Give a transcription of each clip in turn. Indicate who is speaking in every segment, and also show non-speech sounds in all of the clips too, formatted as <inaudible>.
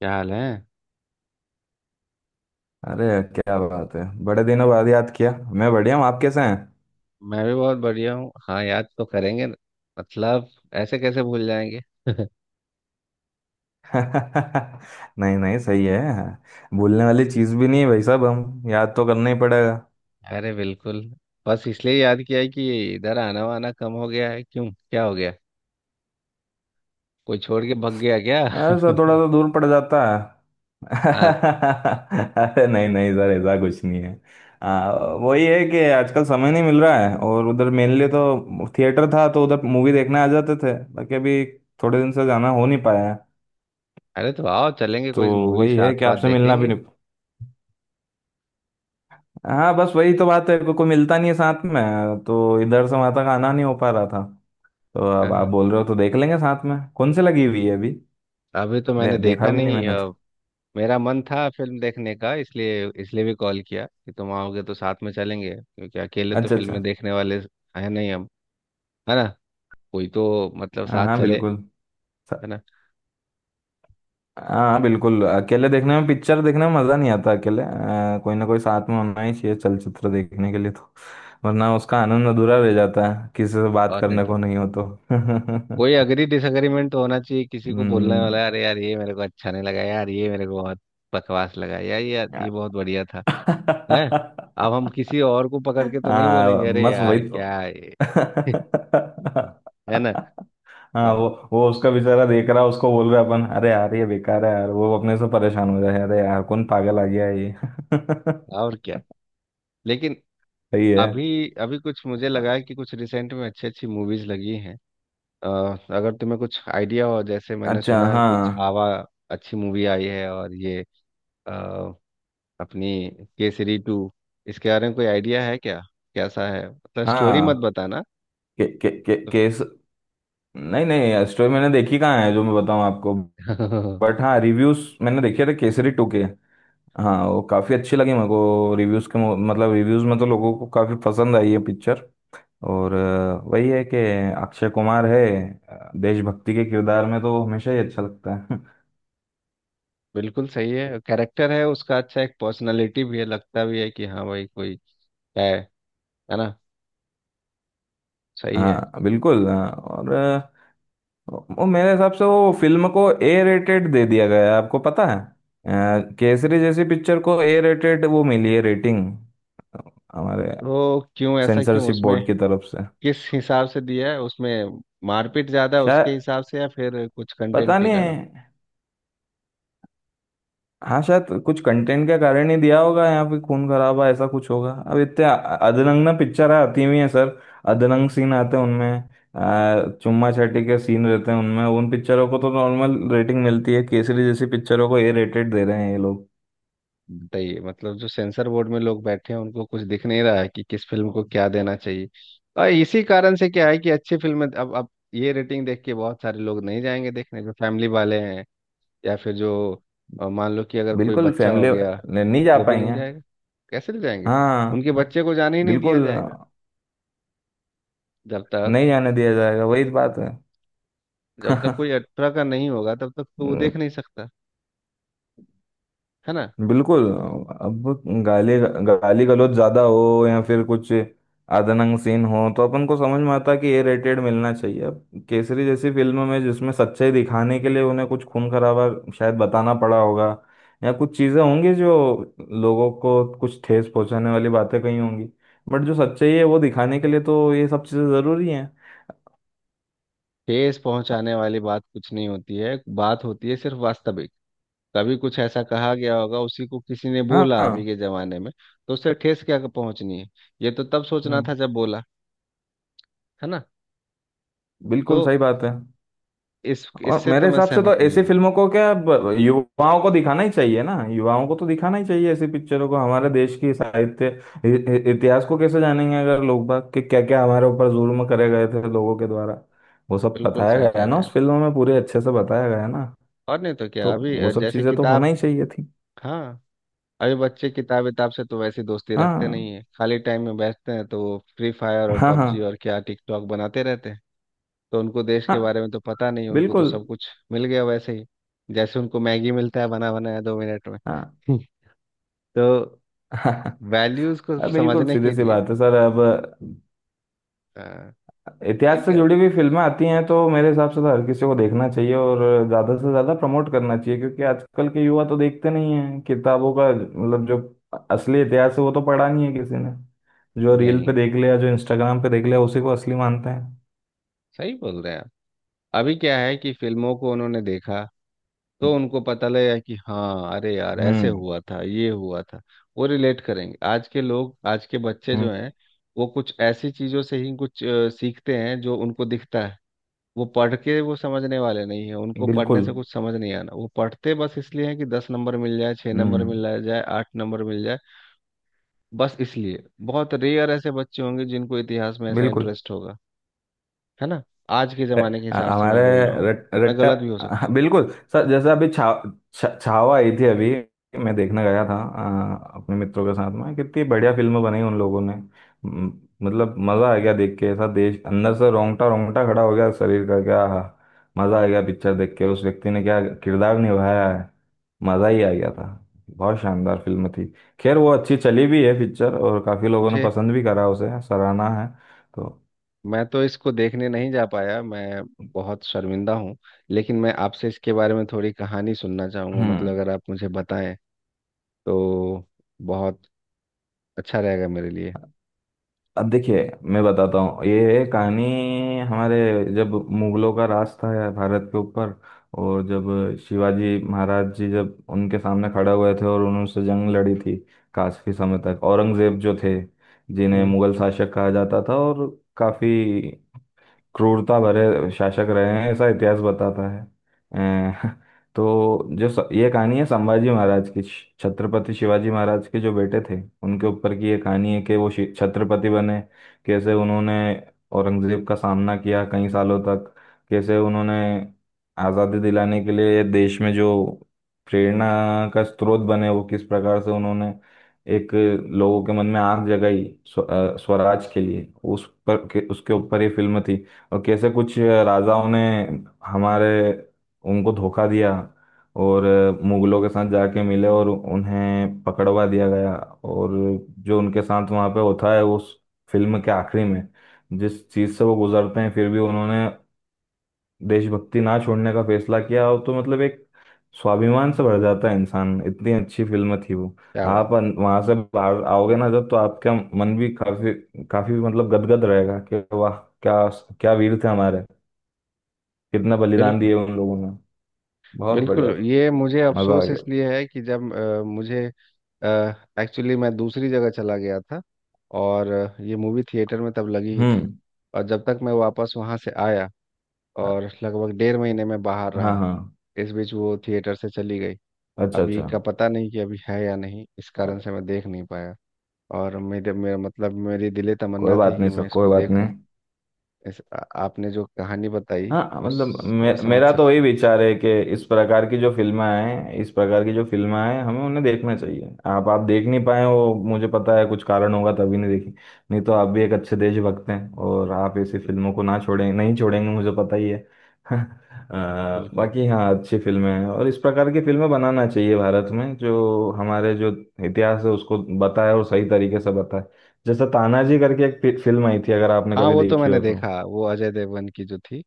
Speaker 1: क्या हाल है।
Speaker 2: अरे, क्या बात है! बड़े दिनों बाद याद किया। मैं बढ़िया हूँ, आप कैसे हैं?
Speaker 1: मैं भी बहुत बढ़िया हूँ। हाँ, याद तो करेंगे न। मतलब, ऐसे कैसे भूल जाएंगे।
Speaker 2: <laughs> नहीं नहीं, सही है। भूलने वाली चीज़ भी नहीं है भाई साहब, हम याद तो करना ही पड़ेगा।
Speaker 1: अरे बिल्कुल। बस इसलिए याद किया है कि इधर आना वाना कम हो गया है। क्यों, क्या हो गया? कोई छोड़ के भग गया
Speaker 2: अरे
Speaker 1: क्या? <laughs>
Speaker 2: सर, थोड़ा सा दूर पड़ जाता है। <laughs>
Speaker 1: हाँ।
Speaker 2: अरे नहीं नहीं सर, ऐसा कुछ नहीं है। आ, वही है कि आजकल समय नहीं मिल रहा है, और उधर मेनली तो थिएटर था तो उधर मूवी देखने आ जाते थे, बाकी अभी थोड़े दिन से जाना हो नहीं पाया है।
Speaker 1: अरे तो आओ, चलेंगे
Speaker 2: तो
Speaker 1: कोई मूवी
Speaker 2: वही है
Speaker 1: साथ
Speaker 2: कि
Speaker 1: साथ
Speaker 2: आपसे मिलना भी
Speaker 1: देखेंगे।
Speaker 2: नहीं। हाँ बस वही तो बात है, कोई मिलता नहीं है साथ में, तो इधर से वहां तक आना नहीं हो पा रहा था। तो
Speaker 1: हाँ
Speaker 2: अब आप
Speaker 1: हाँ।
Speaker 2: बोल रहे हो तो देख लेंगे साथ में कौन से लगी हुई है अभी।
Speaker 1: अभी तो मैंने
Speaker 2: देखा
Speaker 1: देखा
Speaker 2: भी नहीं
Speaker 1: नहीं,
Speaker 2: मैंने तो।
Speaker 1: मेरा मन था फिल्म देखने का, इसलिए इसलिए भी कॉल किया कि तुम आओगे तो साथ में चलेंगे, क्योंकि अकेले तो
Speaker 2: अच्छा अच्छा।
Speaker 1: फिल्में देखने वाले है नहीं हम, है ना? कोई तो मतलब
Speaker 2: हाँ
Speaker 1: साथ
Speaker 2: हाँ
Speaker 1: चले,
Speaker 2: बिल्कुल। स-
Speaker 1: है ना?
Speaker 2: हाँ हाँ, बिल्कुल। अकेले देखने में, पिक्चर देखने में मजा नहीं आता अकेले। कोई ना कोई साथ में होना ही चाहिए चलचित्र देखने के लिए तो, वरना उसका आनंद अधूरा रह जाता है, किसी से बात
Speaker 1: और नहीं
Speaker 2: करने
Speaker 1: तो
Speaker 2: को नहीं हो तो।
Speaker 1: कोई
Speaker 2: <laughs>
Speaker 1: अग्री डिसएग्रीमेंट तो होना चाहिए, किसी को बोलने
Speaker 2: हम्म।
Speaker 1: वाला, अरे यार ये मेरे को अच्छा नहीं लगा, यार ये मेरे को बहुत बकवास लगा, यार ये, यार ये बहुत बढ़िया था, है। अब
Speaker 2: <laughs>
Speaker 1: हम किसी और को पकड़ के तो नहीं बोलेंगे,
Speaker 2: हाँ
Speaker 1: अरे
Speaker 2: बस वही
Speaker 1: यार
Speaker 2: तो।
Speaker 1: क्या है। <laughs> है ना?
Speaker 2: हाँ वो
Speaker 1: तो।
Speaker 2: वो उसका बेचारा देख रहा है, उसको बोल रहा है अपन, अरे यार ये बेकार है यार, वो अपने से परेशान हो रहा है, अरे यार कौन पागल आ गया है ये। <laughs>
Speaker 1: और क्या। लेकिन
Speaker 2: सही है।
Speaker 1: अभी, अभी कुछ मुझे लगा है कि कुछ रिसेंट में अच्छी अच्छी मूवीज लगी हैं। अ, अगर तुम्हें कुछ आइडिया हो, जैसे मैंने
Speaker 2: अच्छा
Speaker 1: सुना है
Speaker 2: हाँ।
Speaker 1: कुछ छावा अच्छी मूवी आई है, और ये अपनी केसरी टू, इसके बारे में कोई आइडिया है क्या? कैसा है? मतलब स्टोरी मत
Speaker 2: हाँ
Speaker 1: बताना।
Speaker 2: के, केस नहीं नहीं, स्टोरी मैंने देखी कहाँ है जो मैं बताऊँ आपको।
Speaker 1: <laughs>
Speaker 2: बट हाँ, रिव्यूज मैंने देखे थे केसरी टू के। हाँ वो काफी अच्छी लगी मेरे को, रिव्यूज के मतलब रिव्यूज में तो लोगों को काफी पसंद आई है पिक्चर। और वही है कि अक्षय कुमार है। देशभक्ति के किरदार में तो वो हमेशा ही अच्छा लगता है। <laughs>
Speaker 1: बिल्कुल सही है, कैरेक्टर है उसका अच्छा, एक पर्सनालिटी भी है, लगता भी है कि हाँ भाई कोई है है ना? सही है।
Speaker 2: हाँ बिल्कुल। और वो, मेरे हिसाब से वो फिल्म को ए रेटेड दे दिया गया है। आपको पता है, केसरी जैसी पिक्चर को ए रेटेड वो मिली है, रेटिंग हमारे
Speaker 1: तो क्यों? ऐसा क्यों
Speaker 2: सेंसरशिप
Speaker 1: उसमें?
Speaker 2: बोर्ड की तरफ से।
Speaker 1: किस हिसाब से दिया है? उसमें मारपीट ज्यादा है उसके
Speaker 2: शायद,
Speaker 1: हिसाब से, या फिर कुछ कंटेंट
Speaker 2: पता
Speaker 1: के
Speaker 2: नहीं।
Speaker 1: कारण?
Speaker 2: हाँ शायद कुछ कंटेंट के कारण ही दिया होगा, यहाँ पे खून खराबा ऐसा कुछ होगा। अब इतने अधरंग ना पिक्चर आती हुई है सर, अधरंग सीन आते हैं उनमें। चुम्मा चाटी के सीन रहते हैं उनमें, उन पिक्चरों को तो नॉर्मल रेटिंग मिलती है, केसरी जैसी पिक्चरों को ए रेटेड दे रहे हैं ये लोग।
Speaker 1: बताइए, मतलब जो सेंसर बोर्ड में लोग बैठे हैं उनको कुछ दिख नहीं रहा है कि किस फिल्म को क्या देना चाहिए। और इसी कारण से क्या है कि अच्छी फिल्म, अब ये रेटिंग देख के बहुत सारे लोग नहीं जाएंगे देखने, जो फैमिली वाले हैं, या फिर जो मान लो कि अगर कोई
Speaker 2: बिल्कुल,
Speaker 1: बच्चा हो
Speaker 2: फैमिली
Speaker 1: गया,
Speaker 2: नहीं जा
Speaker 1: वो भी नहीं
Speaker 2: पाएंगे।
Speaker 1: जाएगा। कैसे ले जाएंगे?
Speaker 2: हाँ
Speaker 1: उनके बच्चे को जाने ही नहीं दिया
Speaker 2: बिल्कुल,
Speaker 1: जाएगा, जब तक
Speaker 2: नहीं जाने दिया जाएगा वही बात है।
Speaker 1: जब तक कोई अठारह का नहीं होगा तब तक तो वो देख
Speaker 2: <laughs>
Speaker 1: नहीं सकता, है ना?
Speaker 2: बिल्कुल। अब गाली गाली गलौज ज्यादा हो या फिर कुछ आदनंग सीन हो तो अपन को समझ में आता है कि ए रेटेड मिलना चाहिए। अब केसरी जैसी फिल्म में जिसमें सच्चाई दिखाने के लिए उन्हें कुछ खून खराबा शायद बताना पड़ा होगा, या कुछ चीजें होंगी जो लोगों को कुछ ठेस पहुंचाने वाली बातें कही होंगी, बट जो सच्चाई है वो दिखाने के लिए तो ये सब चीजें जरूरी हैं।
Speaker 1: ठेस पहुंचाने वाली बात कुछ नहीं होती है। बात होती है सिर्फ वास्तविक। कभी कुछ ऐसा कहा गया होगा, उसी को किसी ने
Speaker 2: हाँ
Speaker 1: बोला
Speaker 2: हाँ।
Speaker 1: अभी के जमाने में, तो उससे ठेस क्या पहुंचनी है? ये तो तब सोचना
Speaker 2: हम्म,
Speaker 1: था जब बोला, है ना? तो
Speaker 2: बिल्कुल सही बात है।
Speaker 1: इस
Speaker 2: और
Speaker 1: इससे
Speaker 2: मेरे
Speaker 1: तो मैं
Speaker 2: हिसाब से
Speaker 1: सहमत
Speaker 2: तो
Speaker 1: नहीं
Speaker 2: ऐसी
Speaker 1: हूँ।
Speaker 2: फिल्मों को क्या, युवाओं को दिखाना ही चाहिए ना, युवाओं को तो दिखाना ही चाहिए ऐसी पिक्चरों को। हमारे देश की साहित्य, इ- इतिहास को कैसे जानेंगे अगर लोग बाग, कि क्या क्या हमारे ऊपर जुल्म करे गए थे लोगों के द्वारा। वो सब
Speaker 1: बिल्कुल
Speaker 2: बताया
Speaker 1: सही
Speaker 2: गया
Speaker 1: कह
Speaker 2: है
Speaker 1: रहे
Speaker 2: ना
Speaker 1: हैं आप।
Speaker 2: उस फिल्म में, पूरे अच्छे से बताया गया है ना,
Speaker 1: और नहीं तो क्या?
Speaker 2: तो
Speaker 1: अभी
Speaker 2: वो सब
Speaker 1: जैसे
Speaker 2: चीजें तो होना
Speaker 1: किताब।
Speaker 2: ही चाहिए थी।
Speaker 1: हाँ। अभी बच्चे किताब विताब से तो वैसी दोस्ती रखते
Speaker 2: हाँ
Speaker 1: नहीं है। खाली टाइम में बैठते हैं तो वो फ्री फायर और
Speaker 2: हाँ। हाँ
Speaker 1: पबजी और क्या टिकटॉक बनाते रहते हैं। तो उनको देश
Speaker 2: हाँ
Speaker 1: के बारे में तो पता नहीं, उनको तो
Speaker 2: बिल्कुल।
Speaker 1: सब कुछ मिल गया वैसे ही, जैसे उनको मैगी मिलता है बना बनाया दो मिनट में।
Speaker 2: हाँ।
Speaker 1: <laughs> तो
Speaker 2: <laughs>
Speaker 1: वैल्यूज को
Speaker 2: हाँ बिल्कुल,
Speaker 1: समझने
Speaker 2: सीधी
Speaker 1: के
Speaker 2: सी
Speaker 1: लिए
Speaker 2: बात है सर। अब
Speaker 1: आ, सही
Speaker 2: इतिहास से
Speaker 1: कह रहे हैं।
Speaker 2: जुड़ी हुई फिल्में आती हैं तो मेरे हिसाब से तो हर किसी को देखना चाहिए, और ज़्यादा से ज़्यादा प्रमोट करना चाहिए, क्योंकि आजकल के युवा तो देखते नहीं हैं किताबों का, मतलब जो असली इतिहास है वो तो पढ़ा नहीं है किसी ने। जो रील पे
Speaker 1: नहीं,
Speaker 2: देख लिया, जो इंस्टाग्राम पे देख लिया, उसी को असली मानते हैं।
Speaker 1: सही बोल रहे हैं आप। अभी क्या है कि फिल्मों को उन्होंने देखा, तो उनको पता लगा कि हाँ अरे यार ऐसे
Speaker 2: हम्म
Speaker 1: हुआ था, ये हुआ था। वो रिलेट करेंगे आज के लोग, आज के बच्चे
Speaker 2: हम्म
Speaker 1: जो हैं, वो कुछ ऐसी चीजों से ही कुछ सीखते हैं जो उनको दिखता है। वो पढ़ के वो समझने वाले नहीं है, उनको पढ़ने
Speaker 2: बिल्कुल।
Speaker 1: से कुछ समझ नहीं आना। वो पढ़ते बस इसलिए हैं कि 10 नंबर मिल जाए, 6 नंबर
Speaker 2: हम्म
Speaker 1: मिल जाए, 8 नंबर मिल जाए, बस इसलिए। बहुत रेयर ऐसे बच्चे होंगे जिनको इतिहास में ऐसा
Speaker 2: बिल्कुल।
Speaker 1: इंटरेस्ट होगा, है ना? आज के जमाने के हिसाब से मैं
Speaker 2: हमारे
Speaker 1: बोल रहा हूँ, मैं
Speaker 2: रट्टा।
Speaker 1: गलत भी हो सकता
Speaker 2: हाँ
Speaker 1: हूँ।
Speaker 2: बिल्कुल सर, जैसे अभी छा, छा, छावा आई थी अभी, मैं देखने गया था अपने मित्रों के साथ में। कितनी बढ़िया फिल्म बनाई उन लोगों ने, मतलब मजा आ गया देख के, ऐसा देश अंदर से, रोंगटा रोंगटा खड़ा हो गया शरीर का, क्या आहा, मजा आ गया पिक्चर देख के। उस व्यक्ति ने क्या किरदार निभाया है, मजा ही आ गया था। बहुत शानदार फिल्म थी। खैर वो अच्छी चली भी है पिक्चर, और काफी लोगों ने
Speaker 1: मुझे
Speaker 2: पसंद भी करा, उसे सराहना है तो।
Speaker 1: मैं तो इसको देखने नहीं जा पाया। मैं बहुत शर्मिंदा हूँ। लेकिन मैं आपसे इसके बारे में थोड़ी कहानी सुनना चाहूंगा, मतलब
Speaker 2: हम्म।
Speaker 1: अगर आप मुझे बताएं तो बहुत अच्छा रहेगा मेरे लिए।
Speaker 2: अब देखिए, मैं बताता हूँ ये कहानी हमारे। जब मुगलों का राज था यार भारत के ऊपर, और जब शिवाजी महाराज जी जब उनके सामने खड़े हुए थे और उन्होंने उनसे जंग लड़ी थी काफी समय तक। औरंगजेब जो थे, जिन्हें
Speaker 1: हम्म।
Speaker 2: मुगल शासक कहा जाता था, और काफी क्रूरता भरे शासक रहे हैं ऐसा इतिहास बताता है। अ, <laughs> तो जो ये कहानी है संभाजी महाराज की, छत्रपति शिवाजी महाराज के जो बेटे थे, उनके ऊपर की ये कहानी है। कि वो छत्रपति बने, कैसे उन्होंने औरंगजेब का सामना किया कई सालों तक, कैसे उन्होंने आज़ादी दिलाने के लिए देश में जो प्रेरणा का स्रोत बने, वो किस प्रकार से उन्होंने एक लोगों के मन में आग जगाई स्वराज के लिए, उस पर उसके ऊपर ये फिल्म थी। और कैसे कुछ राजाओं ने हमारे उनको धोखा दिया और मुगलों के साथ जाके मिले और उन्हें पकड़वा दिया गया। और जो उनके साथ वहाँ पे होता है उस फिल्म के आखिरी में, जिस चीज़ से वो गुजरते हैं, फिर भी उन्होंने देशभक्ति ना छोड़ने का फैसला किया, और तो मतलब एक स्वाभिमान से भर जाता है इंसान, इतनी अच्छी फिल्म थी वो।
Speaker 1: क्या बात।
Speaker 2: आप वहां से बाहर आओगे ना जब, तो आपका मन भी काफी, काफी मतलब गदगद रहेगा कि वाह, क्या, क्या वीर थे हमारे, कितना बलिदान
Speaker 1: बिल्कुल
Speaker 2: दिए उन लोगों ने। बहुत
Speaker 1: बिल्कुल।
Speaker 2: बढ़िया,
Speaker 1: ये मुझे
Speaker 2: मजा आ
Speaker 1: अफसोस
Speaker 2: गया।
Speaker 1: इसलिए है कि जब मुझे एक्चुअली मैं दूसरी जगह चला गया था, और ये मूवी थिएटर में तब लगी ही थी,
Speaker 2: हम्म।
Speaker 1: और जब तक मैं वापस वहाँ से आया
Speaker 2: हाँ
Speaker 1: और लगभग डेढ़ महीने में बाहर
Speaker 2: हाँ।
Speaker 1: रहा,
Speaker 2: हाँ।
Speaker 1: इस बीच वो थिएटर से चली गई।
Speaker 2: अच्छा
Speaker 1: अभी
Speaker 2: अच्छा।
Speaker 1: का पता नहीं कि अभी है या नहीं, इस कारण
Speaker 2: अरे,
Speaker 1: से मैं देख नहीं पाया। और मेरे मेरा मतलब मेरी दिले
Speaker 2: कोई
Speaker 1: तमन्ना
Speaker 2: बात
Speaker 1: थी कि
Speaker 2: नहीं सर,
Speaker 1: मैं
Speaker 2: कोई
Speaker 1: इसको
Speaker 2: बात नहीं।
Speaker 1: देखूं। आपने जो कहानी बताई,
Speaker 2: हाँ मतलब,
Speaker 1: उसको मैं समझ
Speaker 2: मेरा तो
Speaker 1: सकता
Speaker 2: वही
Speaker 1: हूँ।
Speaker 2: विचार है कि इस प्रकार की जो फिल्में हैं, इस प्रकार की जो फिल्में हैं हमें उन्हें देखना चाहिए। आप देख नहीं पाए, वो मुझे पता है कुछ कारण होगा तभी नहीं देखी। नहीं तो आप भी एक अच्छे देशभक्त हैं, और आप ऐसी
Speaker 1: बिल्कुल
Speaker 2: फिल्मों को ना छोड़ें, नहीं छोड़ेंगे मुझे पता ही है। <laughs>
Speaker 1: बिल्कुल।
Speaker 2: बाकी हाँ अच्छी फिल्में हैं, और इस प्रकार की फिल्में बनाना चाहिए भारत में, जो हमारे जो इतिहास है उसको बताए और सही तरीके से बताए। जैसे तानाजी करके एक फिल्म आई थी, अगर आपने
Speaker 1: हाँ
Speaker 2: कभी
Speaker 1: वो तो
Speaker 2: देखी
Speaker 1: मैंने
Speaker 2: हो तो।
Speaker 1: देखा, वो अजय देवगन की जो थी,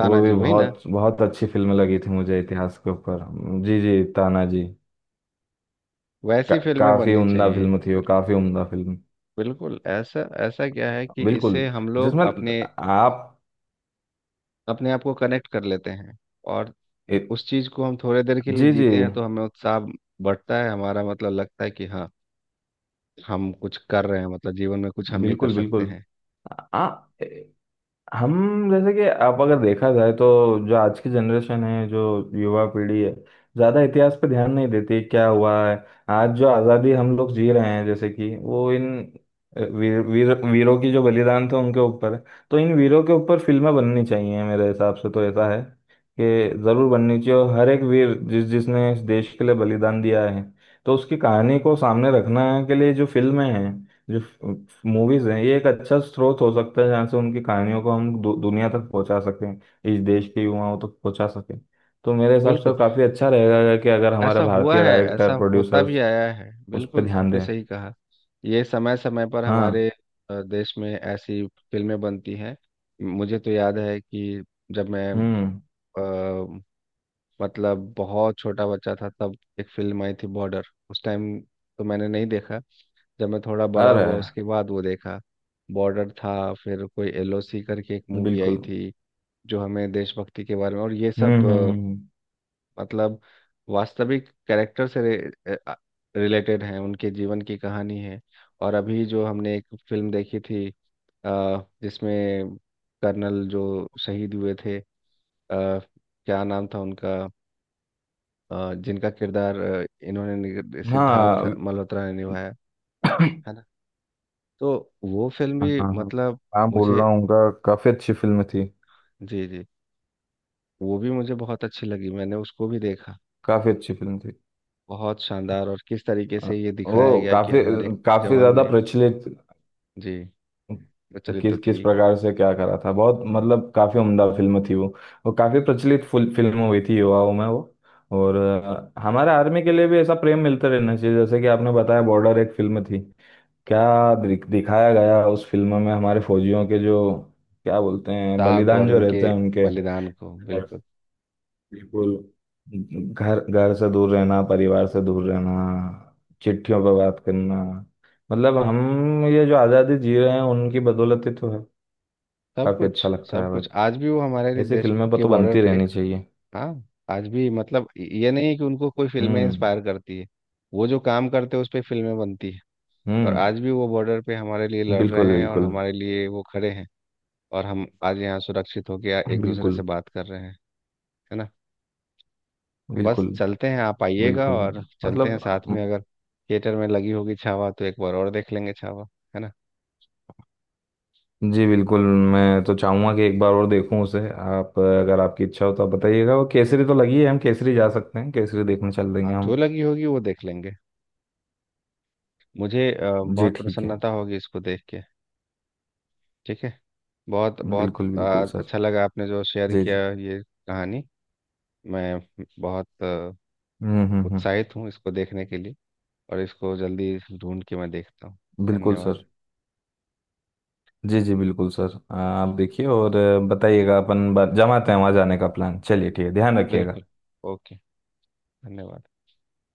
Speaker 2: वो भी
Speaker 1: वही ना?
Speaker 2: बहुत बहुत अच्छी फिल्म लगी थी मुझे, इतिहास के ऊपर। जी जी, ताना जी।
Speaker 1: वैसी फिल्में
Speaker 2: काफी
Speaker 1: बननी
Speaker 2: उम्दा
Speaker 1: चाहिए।
Speaker 2: फिल्म थी वो,
Speaker 1: बिल्कुल।
Speaker 2: काफी उम्दा फिल्म।
Speaker 1: बिल्कुल ऐसा ऐसा क्या है कि
Speaker 2: बिल्कुल,
Speaker 1: इससे हम लोग
Speaker 2: जिसमें
Speaker 1: अपने
Speaker 2: आप,
Speaker 1: अपने आप को कनेक्ट कर लेते हैं, और
Speaker 2: ए,
Speaker 1: उस चीज को हम थोड़े देर के लिए
Speaker 2: जी जी,
Speaker 1: जीते हैं, तो हमें उत्साह बढ़ता है हमारा, मतलब लगता है कि हाँ हम कुछ कर रहे हैं, मतलब जीवन में कुछ हम भी कर
Speaker 2: बिल्कुल
Speaker 1: सकते
Speaker 2: बिल्कुल।
Speaker 1: हैं।
Speaker 2: आ, हम, जैसे कि आप, अगर देखा जाए तो, जो आज की जनरेशन है, जो युवा पीढ़ी है, ज़्यादा इतिहास पे ध्यान नहीं देती क्या हुआ है। आज जो आज़ादी हम लोग जी रहे हैं, जैसे कि वो इन वीर, वीर वीरों की जो बलिदान थे उनके ऊपर है। तो इन वीरों के ऊपर फिल्में बननी चाहिए, मेरे हिसाब से तो ऐसा है कि ज़रूर बननी चाहिए। और हर एक वीर, जिस जिसने इस देश के लिए बलिदान दिया है, तो उसकी कहानी को सामने रखना के लिए जो फिल्में हैं, जो मूवीज हैं, ये एक अच्छा स्रोत हो सकता है जहाँ से उनकी कहानियों को हम दुनिया तक पहुंचा सकें, इस देश के युवाओं तक पहुंचा सकें। तो मेरे हिसाब
Speaker 1: बिल्कुल।
Speaker 2: से काफी अच्छा रहेगा कि अगर
Speaker 1: ऐसा
Speaker 2: हमारे
Speaker 1: हुआ
Speaker 2: भारतीय
Speaker 1: है, ऐसा
Speaker 2: डायरेक्टर
Speaker 1: होता भी
Speaker 2: प्रोड्यूसर्स
Speaker 1: आया है।
Speaker 2: उस पर
Speaker 1: बिल्कुल
Speaker 2: ध्यान
Speaker 1: आपने
Speaker 2: दें।
Speaker 1: सही कहा। ये समय समय पर
Speaker 2: हाँ।
Speaker 1: हमारे देश में ऐसी फिल्में बनती हैं। मुझे तो याद है कि जब मैं
Speaker 2: हम्म।
Speaker 1: अ, मतलब बहुत छोटा बच्चा था, तब एक फिल्म आई थी बॉर्डर। उस टाइम तो मैंने नहीं देखा, जब मैं थोड़ा बड़ा
Speaker 2: अरे
Speaker 1: हुआ
Speaker 2: अरे,
Speaker 1: उसके बाद वो देखा। बॉर्डर था, फिर कोई एलओसी करके एक मूवी आई
Speaker 2: बिल्कुल।
Speaker 1: थी, जो हमें देशभक्ति के बारे में और ये सब,
Speaker 2: हम्म।
Speaker 1: मतलब वास्तविक कैरेक्टर से रिलेटेड है, उनके जीवन की कहानी है। और अभी जो हमने एक फिल्म देखी थी, जिसमें कर्नल जो शहीद हुए थे, क्या नाम था उनका, जिनका किरदार इन्होंने,
Speaker 2: हम्म।
Speaker 1: सिद्धार्थ
Speaker 2: हाँ।
Speaker 1: मल्होत्रा ने निभाया,
Speaker 2: <coughs> हाँ।
Speaker 1: है ना? तो वो फिल्म
Speaker 2: हाँ
Speaker 1: भी मतलब
Speaker 2: हाँ, बोल
Speaker 1: मुझे,
Speaker 2: रहा हूँ उनका, काफी अच्छी फिल्म थी,
Speaker 1: जी जी, वो भी मुझे बहुत अच्छी लगी, मैंने उसको भी देखा।
Speaker 2: काफी अच्छी
Speaker 1: ठीक।
Speaker 2: फिल्म थी।
Speaker 1: बहुत शानदार। और किस तरीके
Speaker 2: अ,
Speaker 1: से ये
Speaker 2: वो
Speaker 1: दिखाया गया कि
Speaker 2: काफी,
Speaker 1: हमारे
Speaker 2: काफी
Speaker 1: जवान
Speaker 2: ज्यादा
Speaker 1: ने।
Speaker 2: प्रचलित,
Speaker 1: जी। प्रचलित तो
Speaker 2: किस किस
Speaker 1: थी।
Speaker 2: प्रकार से क्या करा था, बहुत मतलब काफी उम्दा फिल्म थी वो। वो काफी प्रचलित फुल फिल्म हुई थी युवाओं में वो। और हमारे आर्मी के लिए भी ऐसा प्रेम मिलता रहना चाहिए, जैसे कि आपने बताया, बॉर्डर एक फिल्म थी। क्या दिखाया गया उस फिल्म में हमारे फौजियों के जो, क्या बोलते हैं,
Speaker 1: शाह को
Speaker 2: बलिदान
Speaker 1: और
Speaker 2: जो रहते
Speaker 1: उनके
Speaker 2: हैं उनके।
Speaker 1: बलिदान को बिल्कुल।
Speaker 2: बिल्कुल, घर घर से दूर रहना, परिवार से दूर रहना, चिट्ठियों पर बात करना। मतलब हम ये जो आज़ादी जी रहे हैं, उनकी बदौलत ही तो है।
Speaker 1: सब
Speaker 2: काफी
Speaker 1: कुछ।
Speaker 2: अच्छा लगता
Speaker 1: सब
Speaker 2: है भाई,
Speaker 1: कुछ आज भी वो हमारे लिए
Speaker 2: ऐसी
Speaker 1: देश
Speaker 2: फिल्में पर
Speaker 1: के
Speaker 2: तो
Speaker 1: बॉर्डर
Speaker 2: बनती
Speaker 1: पे।
Speaker 2: रहनी चाहिए।
Speaker 1: हाँ, आज भी, मतलब ये नहीं है कि उनको कोई फिल्में
Speaker 2: हम्म
Speaker 1: इंस्पायर करती है, वो जो काम करते हैं उस पे फिल्में बनती है। और
Speaker 2: हम्म।
Speaker 1: आज भी वो बॉर्डर पे हमारे लिए लड़ रहे
Speaker 2: बिल्कुल
Speaker 1: हैं और
Speaker 2: बिल्कुल।
Speaker 1: हमारे लिए वो खड़े हैं, और हम आज यहाँ सुरक्षित होकर एक दूसरे से
Speaker 2: बिल्कुल।
Speaker 1: बात कर रहे हैं, है ना? बस
Speaker 2: बिल्कुल
Speaker 1: चलते हैं, आप आइएगा
Speaker 2: बिल्कुल,
Speaker 1: और चलते
Speaker 2: मतलब,
Speaker 1: हैं साथ में।
Speaker 2: म-
Speaker 1: अगर थिएटर में लगी होगी छावा तो एक बार और देख लेंगे छावा, है ना?
Speaker 2: जी बिल्कुल। मैं तो चाहूंगा कि एक बार और देखूं उसे। आप अगर आपकी इच्छा हो तो आप बताइएगा, वो केसरी तो लगी है, हम केसरी जा सकते हैं, केसरी देखने चल देंगे
Speaker 1: आप
Speaker 2: हम।
Speaker 1: जो लगी होगी वो देख लेंगे। मुझे
Speaker 2: जी
Speaker 1: बहुत
Speaker 2: ठीक है।
Speaker 1: प्रसन्नता होगी इसको देख के। ठीक है। बहुत बहुत
Speaker 2: बिल्कुल बिल्कुल सर।
Speaker 1: अच्छा लगा आपने जो शेयर
Speaker 2: जी
Speaker 1: किया
Speaker 2: जी।
Speaker 1: ये कहानी। मैं बहुत
Speaker 2: हम्म।
Speaker 1: उत्साहित हूँ इसको देखने के लिए, और इसको जल्दी ढूंढ के मैं देखता हूँ।
Speaker 2: बिल्कुल
Speaker 1: धन्यवाद।
Speaker 2: सर। जी जी बिल्कुल सर, आप देखिए और बताइएगा, अपन जमाते हैं वहाँ जाने का प्लान। चलिए, ठीक है, ध्यान रखिएगा।
Speaker 1: बिल्कुल। ओके। धन्यवाद।